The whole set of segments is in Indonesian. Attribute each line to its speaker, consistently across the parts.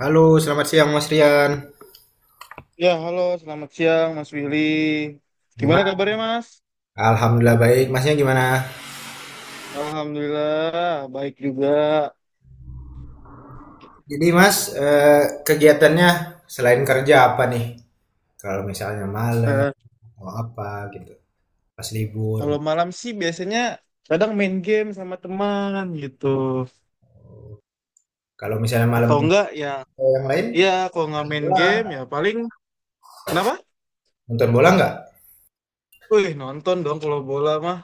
Speaker 1: Halo, selamat siang Mas Rian.
Speaker 2: Ya, halo, selamat siang Mas Willy. Gimana
Speaker 1: Gimana?
Speaker 2: kabarnya Mas?
Speaker 1: Alhamdulillah baik. Masnya gimana?
Speaker 2: Alhamdulillah, baik juga.
Speaker 1: Jadi Mas, kegiatannya selain kerja apa nih? Kalau misalnya malam
Speaker 2: Eh,
Speaker 1: mau apa gitu, pas libur.
Speaker 2: Kalau malam sih biasanya kadang main game sama teman gitu.
Speaker 1: Kalau misalnya malam
Speaker 2: Atau enggak ya,
Speaker 1: yang lain,
Speaker 2: iya kalau nggak
Speaker 1: nonton
Speaker 2: main
Speaker 1: bola.
Speaker 2: game ya paling, kenapa?
Speaker 1: Nonton bola nggak?
Speaker 2: Wih, nonton dong kalau bola mah.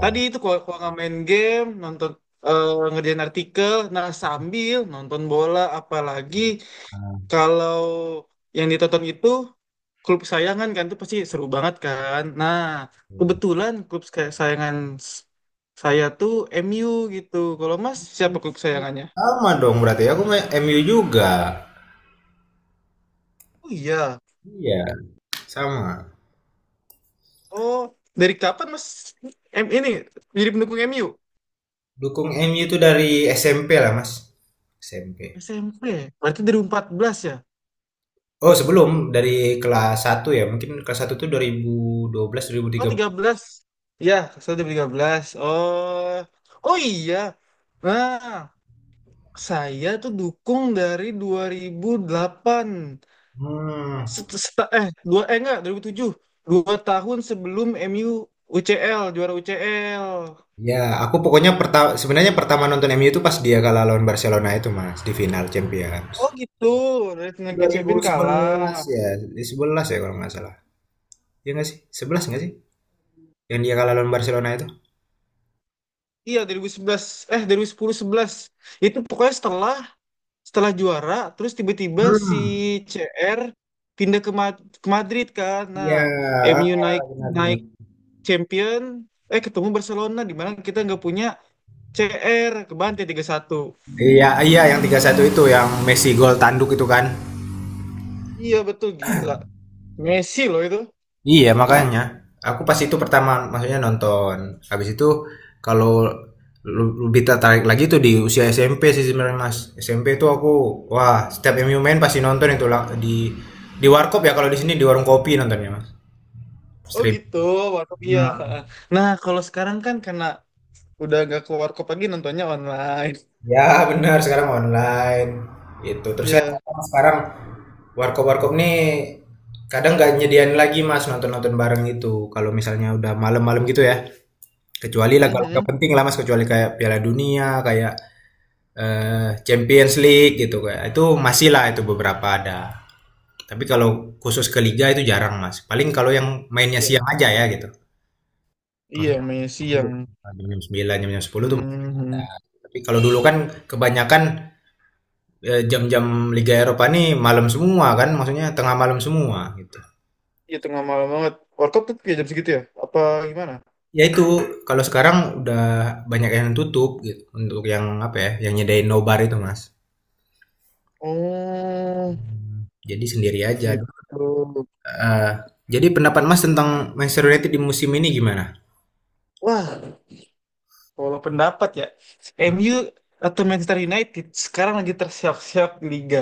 Speaker 2: Tadi itu kalau nggak main game, nonton, eh, ngerjain artikel, nah sambil nonton bola apalagi. Kalau yang ditonton itu klub kesayangan kan itu pasti seru banget kan. Nah,
Speaker 1: hmm.
Speaker 2: kebetulan klub kesayangan s- saya tuh MU gitu. Kalau Mas siapa klub kesayangannya?
Speaker 1: Sama dong berarti. Aku main MU juga.
Speaker 2: Oh iya.
Speaker 1: Iya, sama.
Speaker 2: Oh, dari kapan Mas M ini jadi pendukung MU?
Speaker 1: Dukung MU itu dari SMP lah Mas. SMP.
Speaker 2: SMP. Berarti dari 14 ya?
Speaker 1: Oh, sebelum dari kelas satu ya. Mungkin kelas 1 tuh 2012 belas?
Speaker 2: Oh, 13? Ya, saya dari 13. Oh. Oh iya. Nah, saya tuh dukung dari 2008.
Speaker 1: Hmm,
Speaker 2: Set- set- eh dua eh enggak 2007, dua tahun sebelum MU UCL, juara UCL.
Speaker 1: ya aku pokoknya sebenarnya pertama nonton MU itu pas dia kalah lawan Barcelona itu Mas, di final Champions.
Speaker 2: Oh gitu, dari Liga Champion kalah.
Speaker 1: 2011 ya, 11 ya kalau nggak salah. Ya nggak sih? 11 nggak sih? Yang dia kalah lawan Barcelona itu?
Speaker 2: Iya 2011, eh 2010 sebelas, itu pokoknya setelah setelah juara terus tiba-tiba si
Speaker 1: Hmm,
Speaker 2: CR pindah ke, ke Madrid kan. Nah,
Speaker 1: iya,
Speaker 2: MU
Speaker 1: heeh,
Speaker 2: naik
Speaker 1: benar
Speaker 2: naik
Speaker 1: benar.
Speaker 2: Champion, eh ketemu Barcelona di mana kita nggak punya CR, kebantai 3-1.
Speaker 1: Iya iya, yang 3-1 itu yang Messi gol tanduk itu kan?
Speaker 2: Iya betul, gila Messi loh itu.
Speaker 1: Iya makanya aku pas itu pertama maksudnya nonton. Habis itu kalau lebih tertarik lagi tuh di usia SMP sih sebenarnya Mas. SMP tuh aku, wah setiap MU main pasti nonton itu lah. di warkop ya, kalau di sini di warung kopi nontonnya Mas.
Speaker 2: Oh
Speaker 1: Stream.
Speaker 2: gitu, warkop iya.
Speaker 1: Hmm.
Speaker 2: Nah, kalau sekarang kan karena udah gak ke warkop lagi, nontonnya online.
Speaker 1: Ya benar, sekarang online itu terus kan,
Speaker 2: Iya.
Speaker 1: sekarang warkop-warkop nih kadang nggak nyediain lagi mas nonton-nonton bareng itu kalau misalnya udah malam-malam gitu ya. Kecuali laga-laga
Speaker 2: Mhm.
Speaker 1: penting lah Mas, kecuali kayak Piala Dunia, kayak Champions League gitu kayak. Itu masih lah, itu beberapa ada. Tapi kalau khusus ke liga itu jarang Mas. Paling kalau yang mainnya siang
Speaker 2: Iya,
Speaker 1: aja ya gitu.
Speaker 2: iya
Speaker 1: Maksudnya
Speaker 2: mainnya siang.
Speaker 1: jam 9, jam jam sepuluh tuh masih ada.
Speaker 2: Mhm.
Speaker 1: Tapi kalau dulu kan kebanyakan jam-jam Liga Eropa nih malam semua kan, maksudnya tengah malam semua gitu.
Speaker 2: Iya tengah malam banget. Warkop tuh kayak jam segitu ya? Apa gimana?
Speaker 1: Ya itu kalau sekarang udah banyak yang tutup gitu untuk yang apa ya, yang nyedain nobar itu Mas.
Speaker 2: Oh,
Speaker 1: Jadi sendiri aja,
Speaker 2: gitu.
Speaker 1: heeh. Jadi pendapat Mas tentang Manchester United di musim ini gimana?
Speaker 2: Wah, kalau pendapat ya,
Speaker 1: Hmm,
Speaker 2: MU atau Manchester United sekarang lagi tersiap-siap di liga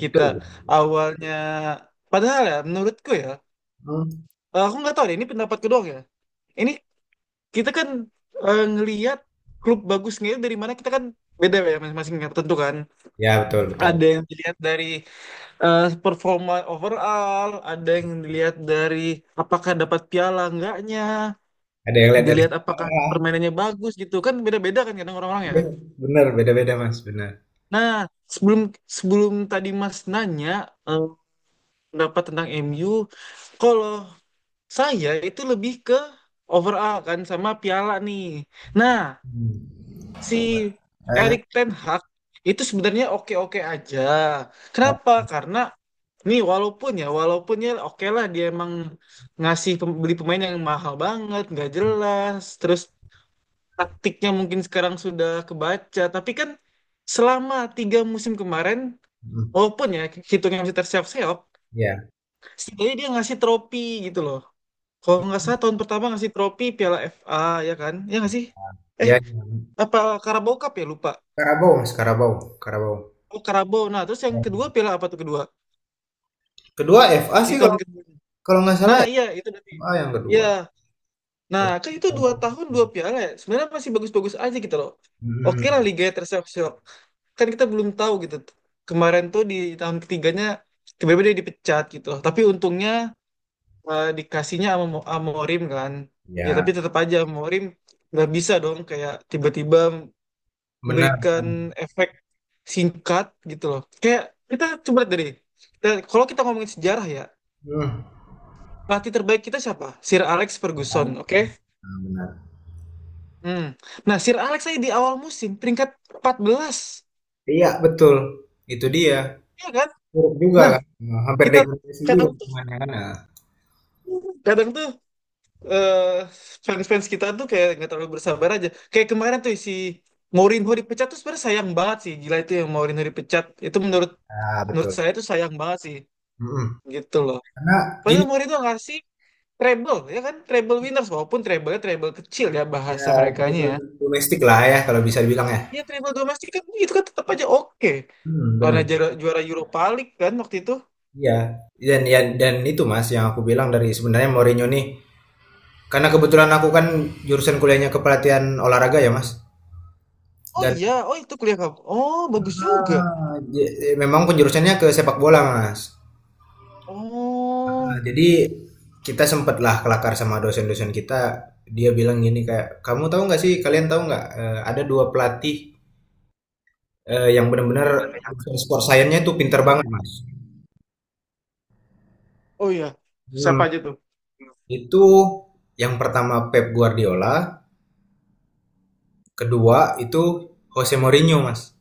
Speaker 2: kita awalnya. Padahal ya, menurutku ya,
Speaker 1: mmm,
Speaker 2: aku nggak tahu deh, ini pendapatku doang ya. Ini kita kan ngelihat klub bagusnya dari mana, kita kan beda ya masing-masing ya, tentu kan
Speaker 1: ya betul betul.
Speaker 2: ada yang dilihat dari performa overall, ada yang dilihat dari apakah dapat piala enggaknya,
Speaker 1: Ada yang lihat dari
Speaker 2: dilihat apakah
Speaker 1: sejarah,
Speaker 2: permainannya bagus gitu kan beda-beda kan kadang orang-orang ya.
Speaker 1: iya, benar, beda-beda Mas, benar.
Speaker 2: Nah, sebelum sebelum tadi Mas nanya, eh, pendapat tentang MU, kalau saya itu lebih ke overall kan sama piala nih. Nah,
Speaker 1: Mmm,
Speaker 2: si
Speaker 1: eee,
Speaker 2: Erik Ten Hag itu sebenarnya oke-oke aja.
Speaker 1: Kak,
Speaker 2: Kenapa? Karena nih walaupun ya oke lah, dia emang ngasih beli pemain yang mahal banget, nggak jelas, terus taktiknya mungkin sekarang sudah kebaca, tapi kan selama tiga musim kemarin,
Speaker 1: mhm,
Speaker 2: walaupun ya hitungnya masih terseok-seok,
Speaker 1: iya.
Speaker 2: setidaknya dia ngasih tropi gitu loh. Kalau nggak salah tahun pertama ngasih tropi Piala FA, ya kan? Ya nggak sih? Eh,
Speaker 1: Iya iya,
Speaker 2: apa Carabao Cup ya lupa.
Speaker 1: Karabau Mas, Karabau Karabau.
Speaker 2: Oh Karabo. Nah, terus yang kedua piala apa tuh kedua?
Speaker 1: Kedua FA
Speaker 2: Di
Speaker 1: sih,
Speaker 2: tahun
Speaker 1: kalau
Speaker 2: kedua.
Speaker 1: kalau nggak salah
Speaker 2: Nah,
Speaker 1: ya,
Speaker 2: iya itu berarti.
Speaker 1: FA yang
Speaker 2: Iya.
Speaker 1: kedua,
Speaker 2: Nah,
Speaker 1: terus
Speaker 2: kan itu dua
Speaker 1: Karabau,
Speaker 2: tahun dua piala ya. Sebenarnya masih bagus-bagus aja gitu loh. Oke lah
Speaker 1: mhm,
Speaker 2: Liga terseok-seok. Kan kita belum tahu gitu. Kemarin tuh di tahun ketiganya tiba-tiba dia dipecat gitu loh. Tapi untungnya dikasihnya sama sama Morim kan. Ya
Speaker 1: iya,
Speaker 2: tapi tetap aja Morim nggak bisa dong kayak tiba-tiba
Speaker 1: bener,
Speaker 2: memberikan efek singkat gitu loh. Kayak kita coba lihat dari, dan kalau kita ngomongin sejarah ya,
Speaker 1: mhm,
Speaker 2: pelatih terbaik kita siapa? Sir Alex Ferguson, oke?
Speaker 1: benar,
Speaker 2: Hmm. Nah, Sir Alex saya di awal musim peringkat 14,
Speaker 1: iya betul, itu dia.
Speaker 2: ya kan?
Speaker 1: Buruk juga
Speaker 2: Nah,
Speaker 1: kan, hampir
Speaker 2: kita
Speaker 1: degradasi juga
Speaker 2: kadang tuh,
Speaker 1: lingkungannya kan, heeh.
Speaker 2: kadang tuh eh, fans-fans kita tuh kayak nggak terlalu bersabar aja. Kayak kemarin tuh si Mourinho dipecat tuh sebenarnya sayang banget sih. Gila itu yang Mourinho dipecat. Itu menurut
Speaker 1: Ah,
Speaker 2: menurut
Speaker 1: betul,
Speaker 2: saya tuh sayang banget sih,
Speaker 1: mhm.
Speaker 2: gitu loh.
Speaker 1: Karena gini,
Speaker 2: Padahal Mourinho ngasih treble, ya kan? Treble winners walaupun treble treble kecil ya
Speaker 1: ya
Speaker 2: bahasa merekanya.
Speaker 1: trouble
Speaker 2: Ya,
Speaker 1: domestik lah ya kalau bisa dibilang ya.
Speaker 2: iya treble domestik kan itu kan tetap aja oke.
Speaker 1: Mhm,
Speaker 2: Karena
Speaker 1: benar.
Speaker 2: juara Europa League kan waktu itu.
Speaker 1: Iya, dan itu Mas yang aku bilang dari sebenarnya Mourinho nih, karena kebetulan aku kan jurusan kuliahnya kepelatihan olahraga ya Mas,
Speaker 2: Oh
Speaker 1: dan
Speaker 2: iya, oh itu kuliah kamu. Oh, bagus juga.
Speaker 1: heeh, memang penjurusannya ke sepak bola Mas. Heeh,
Speaker 2: Oh,
Speaker 1: jadi kita sempatlah kelakar sama dosen-dosen kita, dia bilang gini kayak, "Kamu tahu nggak sih, kalian tahu nggak, ada 2 pelatih." Yang benar-benar urusan sport science-nya itu pinter banget, Mas.
Speaker 2: oh iya. Siapa
Speaker 1: Mhm,
Speaker 2: aja tuh?
Speaker 1: itu yang pertama Pep Guardiola, kedua itu Jose Mourinho, Mas.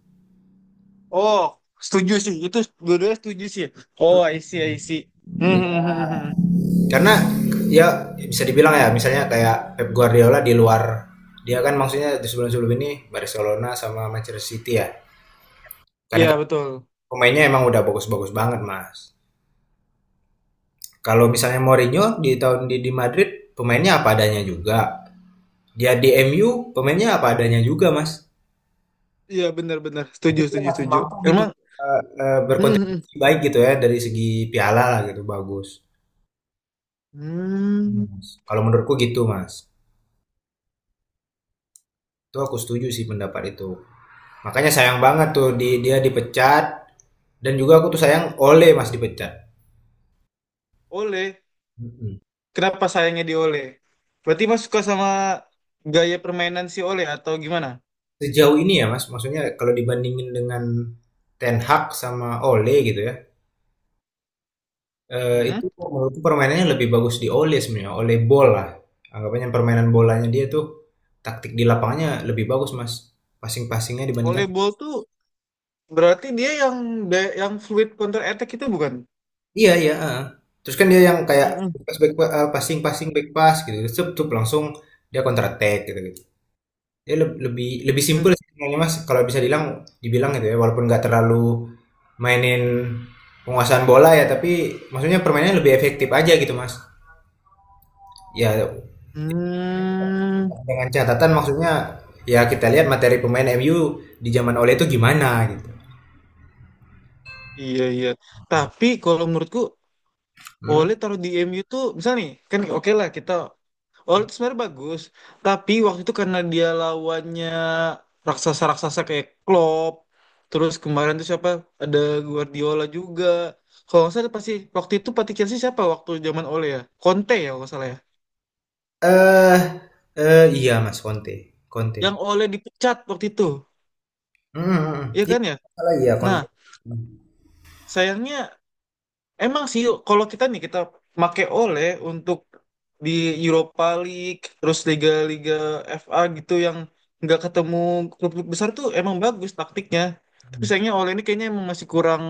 Speaker 2: Oh, setuju sih. Itu dua-duanya setuju sih. Oh, I see, I see. Hmm, hmm, hmm,
Speaker 1: Iya,
Speaker 2: hmm. Hmm.
Speaker 1: karena ya bisa dibilang ya misalnya kayak Pep Guardiola di luar, dia kan maksudnya di sebelum-sebelum ini Barcelona sama Manchester City ya, karena
Speaker 2: Iya,
Speaker 1: kan
Speaker 2: betul.
Speaker 1: pemainnya emang udah bagus-bagus banget, Mas. Kalau misalnya Mourinho di tahun, di Madrid pemainnya apa adanya juga, dia di MU pemainnya apa adanya juga, Mas.
Speaker 2: Iya, benar-benar.
Speaker 1: Tapi
Speaker 2: Setuju,
Speaker 1: dia
Speaker 2: setuju,
Speaker 1: masih
Speaker 2: setuju.
Speaker 1: mampu gitu,
Speaker 2: Emang. Hmm, hmm.
Speaker 1: berkontribusi baik gitu ya dari segi piala lah gitu bagus. Iya,
Speaker 2: Hmm.
Speaker 1: Mas. Kalau menurutku gitu Mas. Itu aku setuju sih pendapat itu. Makanya sayang banget tuh, dia dipecat, dan juga aku tuh sayang Ole Mas dipecat.
Speaker 2: Oleh.
Speaker 1: Mm-mm.
Speaker 2: Kenapa sayangnya di Oleh? Berarti Mas suka sama gaya permainan si Oleh atau gimana?
Speaker 1: Sejauh ini ya Mas, maksudnya kalau dibandingin dengan Ten Hag sama Ole gitu ya. Itu
Speaker 2: Hmm.
Speaker 1: menurutku permainannya lebih bagus di Ole sebenarnya, Ole bola. Anggapannya permainan bolanya dia tuh taktik di lapangnya lebih bagus Mas. Passing-passingnya dibandingkan.
Speaker 2: Oleh Ball tuh. Berarti dia yang yang fluid counter attack itu bukan?
Speaker 1: Iya iya, heeh. Terus kan dia yang kayak
Speaker 2: Mm-mm.
Speaker 1: pas back passing passing back pass gitu, cup cup langsung dia counter attack gitu gitu. Dia leb- lebih lebih simpel
Speaker 2: Mm.
Speaker 1: sih sebenarnya Mas kalau bisa dibilang dibilang gitu ya walaupun nggak terlalu mainin penguasaan bola ya tapi maksudnya permainannya lebih efektif aja gitu Mas. Ya
Speaker 2: Hmm,
Speaker 1: dengan catatan maksudnya ya kita lihat materi pemain MU di zaman Ole itu gimana gitu.
Speaker 2: iya iya. Tapi kalau menurutku
Speaker 1: Hmm.
Speaker 2: Ole taruh di MU tuh misalnya nih, kan oke lah kita. Ole itu sebenarnya bagus, tapi waktu itu karena dia lawannya raksasa-raksasa kayak Klopp, terus kemarin tuh siapa, ada Guardiola juga. Kalau nggak salah pasti waktu itu pelatih Chelsea siapa waktu zaman Ole ya? Conte ya kalau nggak salah ya.
Speaker 1: Eh iya Mas Conte. Conte.
Speaker 2: Yang Ole dipecat waktu itu,
Speaker 1: Mhm mhm.
Speaker 2: iya
Speaker 1: Iya,
Speaker 2: kan ya?
Speaker 1: salah iya
Speaker 2: Nah,
Speaker 1: konten.
Speaker 2: sayangnya, emang sih kalau kita nih kita make oleh untuk di Europa League, terus liga-liga FA gitu yang nggak ketemu klub-klub besar tuh emang bagus taktiknya. Tapi
Speaker 1: Mhm,
Speaker 2: sayangnya oleh ini kayaknya emang masih kurang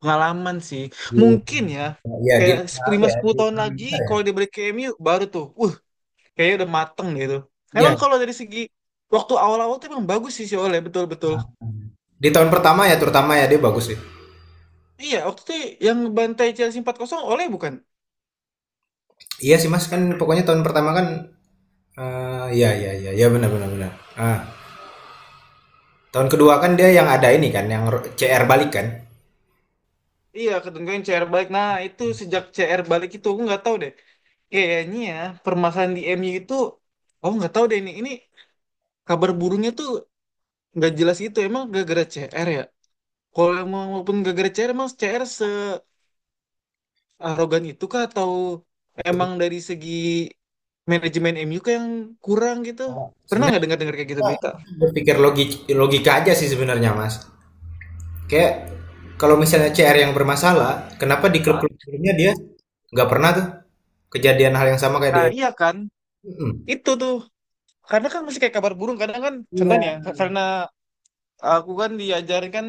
Speaker 2: pengalaman sih.
Speaker 1: di
Speaker 2: Mungkin ya
Speaker 1: di
Speaker 2: kayak
Speaker 1: negara apa
Speaker 2: lima
Speaker 1: ya,
Speaker 2: sepuluh
Speaker 1: di
Speaker 2: tahun
Speaker 1: Permen
Speaker 2: lagi
Speaker 1: Besar ya?
Speaker 2: kalau dia balik ke MU, baru tuh, kayaknya udah mateng gitu. Emang
Speaker 1: Iya,
Speaker 2: kalau dari segi waktu awal-awal tuh emang bagus sih si Oleh betul-betul.
Speaker 1: mhm. Di tahun pertama ya terutama ya dia bagus sih.
Speaker 2: Iya, waktu itu yang bantai Chelsea empat 0 Oleh bukan?
Speaker 1: Iya sih Mas, kan pokoknya tahun pertama kan, ya ya ya iya, benar benar benar. Ah, tahun kedua kan dia yang ada ini kan, yang CR balik kan?
Speaker 2: Iya, ketentuan CR balik. Nah, itu sejak CR balik itu aku nggak tahu deh. Kayaknya ya, permasalahan di MU itu, aku nggak tahu deh ini. Ini kabar burungnya tuh nggak jelas itu. Emang gara-gara CR ya? Kalau emang walaupun gara-gara CR, emang CR searogan itu kah? Atau
Speaker 1: Sebe
Speaker 2: emang dari segi manajemen MU kah yang kurang gitu? Pernah nggak
Speaker 1: sebenarnya
Speaker 2: dengar-dengar kayak gitu
Speaker 1: kita
Speaker 2: berita?
Speaker 1: berpikir logika aja sih sebenarnya Mas. Kayak kalau misalnya CR yang bermasalah, kenapa di klub-klub sebelumnya dia nggak pernah tuh kejadian hal yang sama kayak di
Speaker 2: Nah, iya kan?
Speaker 1: mhm.
Speaker 2: Itu tuh. Karena kan masih kayak kabar burung. Kadang kan, contohnya,
Speaker 1: Iya.
Speaker 2: karena aku kan diajarin kan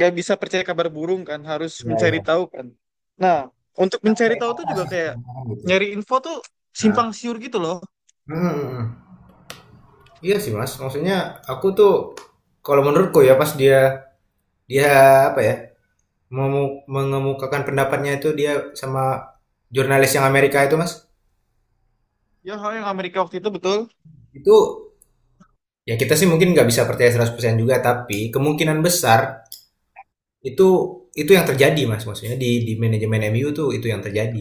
Speaker 2: gak bisa percaya kabar burung kan harus
Speaker 1: Iya
Speaker 2: mencari
Speaker 1: iya.
Speaker 2: tahu kan. Nah, untuk mencari tahu tuh juga
Speaker 1: Inovasi
Speaker 2: kayak
Speaker 1: sekarang orang gitu.
Speaker 2: nyari info tuh
Speaker 1: Ah,
Speaker 2: simpang siur gitu loh.
Speaker 1: hmm, hmm. Iya sih mas, maksudnya aku tuh kalau menurutku ya pas dia dia apa ya, mengemukakan pendapatnya itu, dia sama jurnalis yang Amerika itu mas,
Speaker 2: Ya hal yang Amerika waktu itu betul.
Speaker 1: itu ya kita sih mungkin nggak bisa percaya 100% juga tapi kemungkinan besar itu itu yang terjadi mas, maksudnya di manajemen MU tuh itu yang terjadi.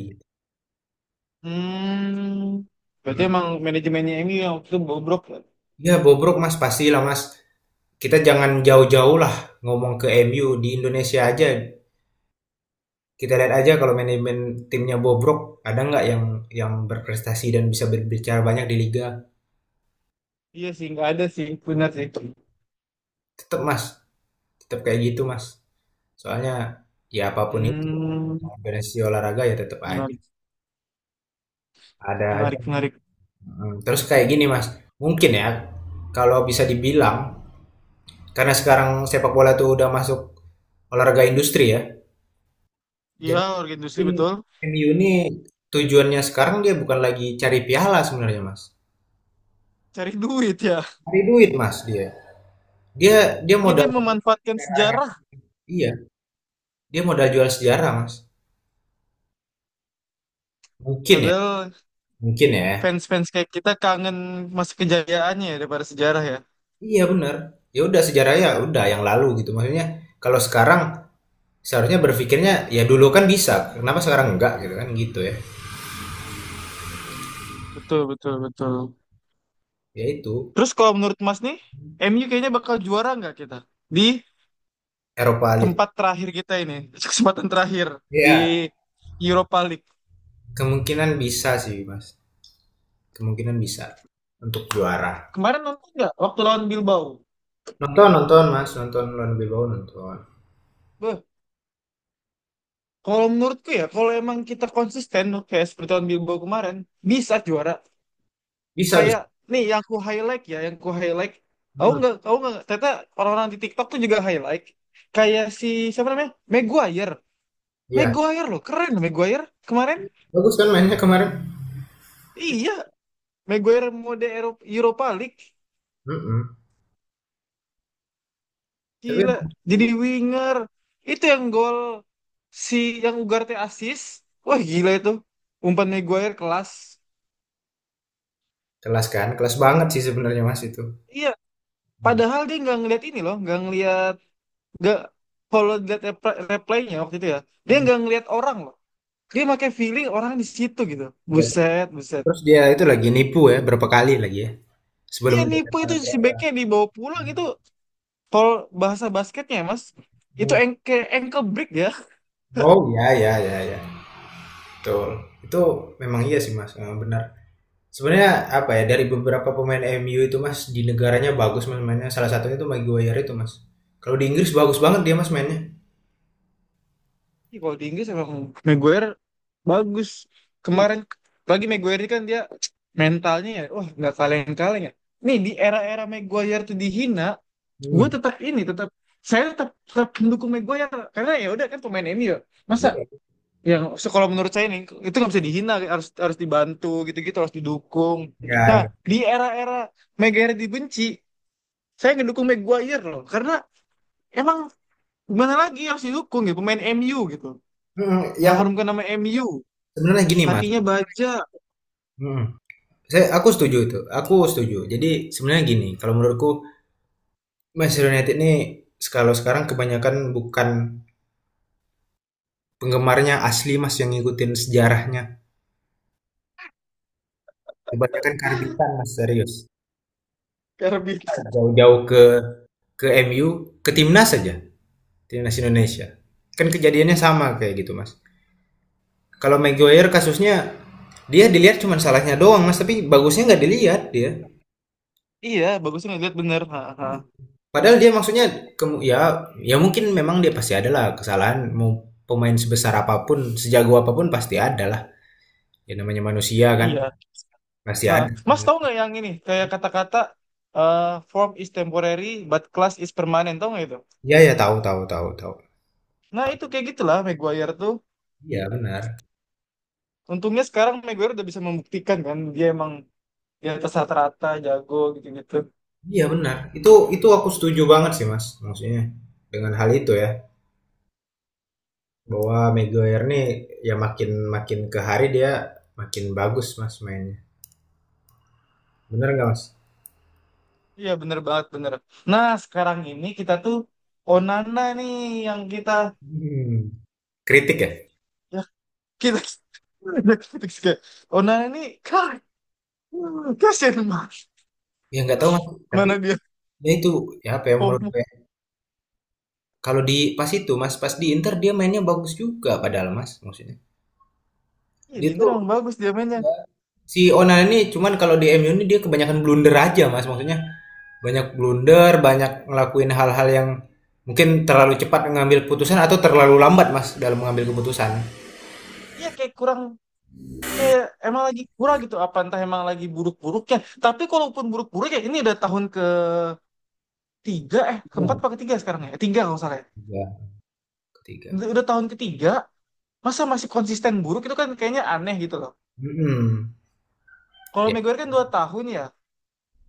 Speaker 2: Hmm, berarti
Speaker 1: mm
Speaker 2: emang manajemennya ini yang waktu itu bobrok ya?
Speaker 1: Ya bobrok mas, pastilah mas, kita jangan jauh-jauh lah ngomong, ke MU di Indonesia aja. Kita lihat aja, kalau manajemen timnya bobrok, ada nggak yang berprestasi dan bisa berbicara banyak di liga?
Speaker 2: Iya sih nggak ada sih benar sih.
Speaker 1: Tetap Mas, tetap kayak gitu Mas. Soalnya ya apapun itu
Speaker 2: Hmm.
Speaker 1: organisasi olahraga ya tetap aja
Speaker 2: Menarik
Speaker 1: ada aja.
Speaker 2: menarik menarik.
Speaker 1: Terus kayak gini Mas, mungkin ya kalau bisa dibilang karena sekarang sepak bola tuh udah masuk olahraga industri ya.
Speaker 2: Iya
Speaker 1: Jadi
Speaker 2: warga industri
Speaker 1: mungkin
Speaker 2: betul.
Speaker 1: M u ini tujuannya sekarang dia bukan lagi cari piala sebenarnya Mas.
Speaker 2: Cari duit ya,
Speaker 1: Cari duit Mas dia. Dia dia
Speaker 2: jadi dia
Speaker 1: modal.
Speaker 2: memanfaatkan sejarah.
Speaker 1: Iya, dia modal jual sejarah, Mas. Mungkin ya,
Speaker 2: Padahal
Speaker 1: mungkin ya.
Speaker 2: fans-fans kayak kita kangen masa kejayaannya ya daripada sejarah ya.
Speaker 1: Iya, bener. Ya udah sejarah ya udah yang lalu gitu. Maksudnya kalau sekarang seharusnya berpikirnya ya dulu kan bisa, kenapa sekarang enggak gitu kan gitu ya.
Speaker 2: Betul, betul, betul.
Speaker 1: Ya itu
Speaker 2: Terus kalau menurut Mas nih, M U kayaknya bakal juara nggak kita? Di
Speaker 1: Eropa League.
Speaker 2: tempat terakhir kita ini, kesempatan terakhir
Speaker 1: Iya,
Speaker 2: di Europa League.
Speaker 1: kemungkinan bisa sih, Mas. Kemungkinan bisa untuk juara.
Speaker 2: Kemarin nonton nggak waktu lawan Bilbao?
Speaker 1: Nonton, nonton, Mas. Nonton lawan Bilbao nonton.
Speaker 2: Beh, kalau menurutku ya, kalau emang kita konsisten kayak seperti lawan Bilbao kemarin, bisa juara.
Speaker 1: Bisa, bisa.
Speaker 2: Kayak nih yang ku highlight ya, yang ku highlight. Aku
Speaker 1: Hmm,
Speaker 2: nggak, aku nggak. Ternyata orang-orang di TikTok tuh juga highlight. Kayak si siapa namanya? Maguire.
Speaker 1: iya.
Speaker 2: Maguire loh, keren Maguire kemarin.
Speaker 1: Bagus kan mainnya kemarin?
Speaker 2: Iya, Maguire mode Europa League,
Speaker 1: Mm-mm. Tapi
Speaker 2: gila
Speaker 1: emang
Speaker 2: jadi winger. Itu yang gol si yang Ugarte assist, wah gila itu umpan Maguire kelas.
Speaker 1: kelas kan, kelas banget sih sebenarnya Mas itu.
Speaker 2: Iya,
Speaker 1: Hmm.
Speaker 2: padahal dia nggak ngeliat ini loh, nggak ngeliat, nggak, kalau lihat replaynya waktu itu ya, dia nggak ngeliat orang loh, dia pakai feeling orang di situ gitu,
Speaker 1: Ya,
Speaker 2: buset buset.
Speaker 1: terus dia itu lagi nipu ya, berapa kali lagi ya, sebelum.
Speaker 2: Iya nipu itu si backnya dibawa pulang itu, kalau bahasa basketnya ya mas itu
Speaker 1: Mhm.
Speaker 2: ankle ankle break ya.
Speaker 1: Oh, ya ya ya ya betul. Itu memang iya sih, Mas, heeh, benar. Sebenarnya apa ya, dari beberapa pemain MU itu, Mas, di negaranya bagus Mas mainnya, salah satunya itu Maguire itu, Mas. Kalau di Inggris bagus banget dia, Mas, mainnya.
Speaker 2: Ih, kalau di Inggris emang Maguire bagus.
Speaker 1: I
Speaker 2: Kemarin lagi Maguire ini kan dia mentalnya ya, wah nggak kaleng-kaleng ya. Nih di era-era Maguire tuh dihina, gue
Speaker 1: mhm,
Speaker 2: tetap ini tetap saya tetap tetap mendukung Maguire karena ya udah kan pemain MU. Ya. Masa
Speaker 1: iya. Hmm.
Speaker 2: yang so, kalau menurut saya nih itu nggak bisa dihina, harus harus dibantu gitu-gitu harus didukung.
Speaker 1: Iya ya,
Speaker 2: Nah
Speaker 1: iya,
Speaker 2: di era-era Maguire dibenci, saya ngedukung Maguire loh karena emang gimana lagi harus didukung ya pemain MU gitu,
Speaker 1: mhm, yang
Speaker 2: mengharumkan nama MU.
Speaker 1: sebenarnya gini, Mas,
Speaker 2: Hatinya baja.
Speaker 1: mhm, aku setuju itu, aku setuju. Jadi sebenarnya gini, kalau menurutku Manchester United ini, kalau sekarang kebanyakan bukan penggemarnya asli, Mas, yang ngikutin sejarahnya. Kebanyakan karbitan, Mas, serius.
Speaker 2: Karbit.
Speaker 1: Jauh-jauh ke MU, ke timnas saja, timnas Indonesia. Kan kejadiannya sama kayak gitu, Mas. Kalau Maguire kasusnya dia dilihat cuma salahnya doang, Mas, tapi bagusnya nggak dilihat dia.
Speaker 2: Iya, bagusnya ngeliat bener. Ha, ha.
Speaker 1: Padahal dia maksudnya, ya ya mungkin memang dia pasti adalah kesalahan, mau pemain sebesar apapun, sejago apapun pasti ada lah. Ya namanya manusia kan,
Speaker 2: Iya.
Speaker 1: pasti
Speaker 2: Ha.
Speaker 1: ada.
Speaker 2: Mas tahu nggak yang ini? Kayak kata-kata eh, form is temporary but class is permanent. Tahu nggak itu?
Speaker 1: Iya ya, tahu tahu tahu. Tahu.
Speaker 2: Nah itu kayak gitulah Maguire tuh.
Speaker 1: Iya benar.
Speaker 2: Untungnya sekarang Maguire udah bisa membuktikan kan dia emang di atas rata-rata jago gitu-gitu.
Speaker 1: Iya benar, itu aku setuju banget sih Mas, maksudnya dengan hal itu ya, bahwa Maguire nih ya makin makin ke hari dia makin bagus Mas mainnya. Benar nggak Mas?
Speaker 2: Iya bener banget bener. Nah sekarang ini kita tuh Onana nih yang kita,
Speaker 1: Hmm. Kritik ya?
Speaker 2: ya kita, kita Onana nih kan kasian mas.
Speaker 1: Ya nggak tahu Mas, tapi
Speaker 2: Mana dia.
Speaker 1: ya itu ya apa yang menurut
Speaker 2: Komo.
Speaker 1: saya, kalau di pas itu Mas, pas di Inter dia mainnya bagus juga padahal Mas, maksudnya.
Speaker 2: Iya
Speaker 1: Dia
Speaker 2: di Inter emang
Speaker 1: tuh
Speaker 2: bagus dia mainnya.
Speaker 1: si Onana ini cuman kalau di MU ini dia kebanyakan blunder aja mas, maksudnya banyak blunder, banyak ngelakuin hal-hal yang mungkin terlalu cepat mengambil putusan atau terlalu lambat mas dalam mengambil keputusan.
Speaker 2: Iya kayak kurang, kayak emang lagi kurang gitu. Apa entah emang lagi buruk-buruknya. Tapi kalaupun buruk-buruk ya ini udah tahun ketiga, eh keempat
Speaker 1: Ya,
Speaker 2: apa ketiga sekarang ya? Eh, tiga kalau nggak salah. Ya.
Speaker 1: ketiga ketiga.
Speaker 2: Udah tahun ketiga, masa masih konsisten buruk itu kan kayaknya aneh gitu loh.
Speaker 1: Mm-mm.
Speaker 2: Kalau
Speaker 1: Ya
Speaker 2: Maguire kan dua tahun ya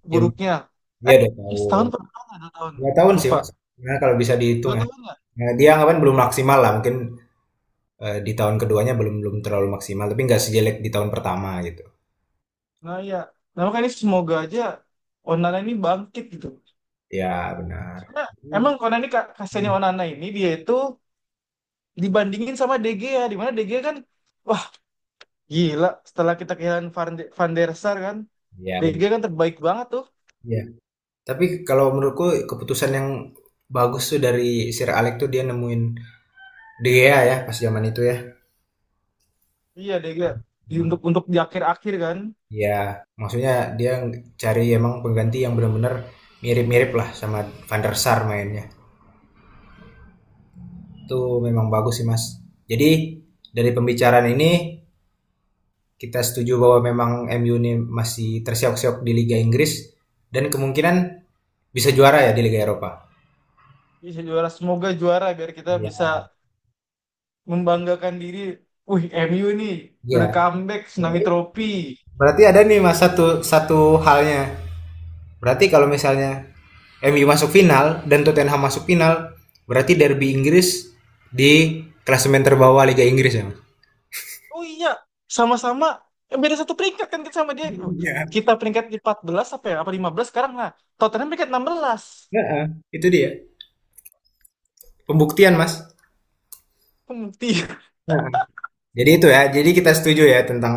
Speaker 2: buruknya.
Speaker 1: dia dua
Speaker 2: Eh
Speaker 1: tahun
Speaker 2: setahun pernah nggak dua tahun?
Speaker 1: 2 tahun sih
Speaker 2: Lupa.
Speaker 1: mas. Nah, kalau bisa dihitung
Speaker 2: Dua
Speaker 1: ya.
Speaker 2: tahun nggak?
Speaker 1: Nah, dia anggapan belum maksimal lah mungkin, di tahun keduanya belum belum terlalu maksimal tapi nggak sejelek di tahun pertama gitu.
Speaker 2: Nah iya. Nah makanya ini semoga aja Onana ini bangkit gitu.
Speaker 1: Ya benar.
Speaker 2: Karena emang Onana ini kasihannya
Speaker 1: Mm.
Speaker 2: Onana ini dia itu dibandingin sama De Gea di mana De Gea kan wah gila, setelah kita kehilangan Van der Sar kan,
Speaker 1: Ya
Speaker 2: De
Speaker 1: benar
Speaker 2: Gea kan terbaik banget tuh.
Speaker 1: ya. Tapi kalau menurutku keputusan yang bagus tuh dari Sir Alex tuh dia nemuin De Gea ya pas zaman itu ya.
Speaker 2: Iya De Gea. Di-
Speaker 1: Hmm.
Speaker 2: untuk untuk di akhir-akhir kan,
Speaker 1: Ya, maksudnya dia cari emang pengganti yang benar-benar mirip-mirip lah sama Van der Sar mainnya. Itu memang bagus sih, Mas. Jadi dari pembicaraan ini kita setuju bahwa memang MU ini masih tersiok-siok di Liga Inggris dan kemungkinan bisa juara ya di Liga Eropa.
Speaker 2: bisa juara. Semoga juara biar kita bisa
Speaker 1: Iya.
Speaker 2: membanggakan diri, wih MU nih
Speaker 1: Iya.
Speaker 2: udah comeback tsunami
Speaker 1: Berarti
Speaker 2: trofi.
Speaker 1: berarti ada nih Mas satu satu halnya. Berarti kalau misalnya MU masuk final dan Tottenham masuk final, berarti derby Inggris di klasemen terbawah Liga Inggris ya, Mas?
Speaker 2: Oh iya, sama-sama, eh, beda satu peringkat kan kita sama dia.
Speaker 1: Iya.
Speaker 2: Kita peringkat di 14 apa ya apa 15 sekarang, nah Tottenham peringkat 16.
Speaker 1: Heeh, itu dia. Pembuktian, Mas.
Speaker 2: Pembuktian.
Speaker 1: Nah. Jadi itu ya. Jadi kita setuju ya tentang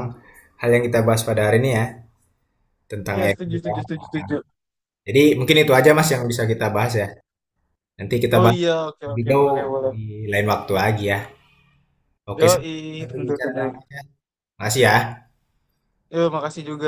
Speaker 1: hal yang kita bahas pada hari ini ya, tentang
Speaker 2: Iya, setuju,
Speaker 1: MU ya.
Speaker 2: setuju, setuju, setuju.
Speaker 1: Jadi mungkin itu aja Mas yang bisa kita bahas ya. Nanti kita
Speaker 2: Oh
Speaker 1: bahas
Speaker 2: iya, oke,
Speaker 1: lebih
Speaker 2: oke,
Speaker 1: jauh
Speaker 2: boleh, boleh.
Speaker 1: di lain waktu lagi ya. Oke,
Speaker 2: Yoi,
Speaker 1: sampai
Speaker 2: tentu
Speaker 1: berbicara.
Speaker 2: saja.
Speaker 1: Makasih ya.
Speaker 2: Yo, makasih juga.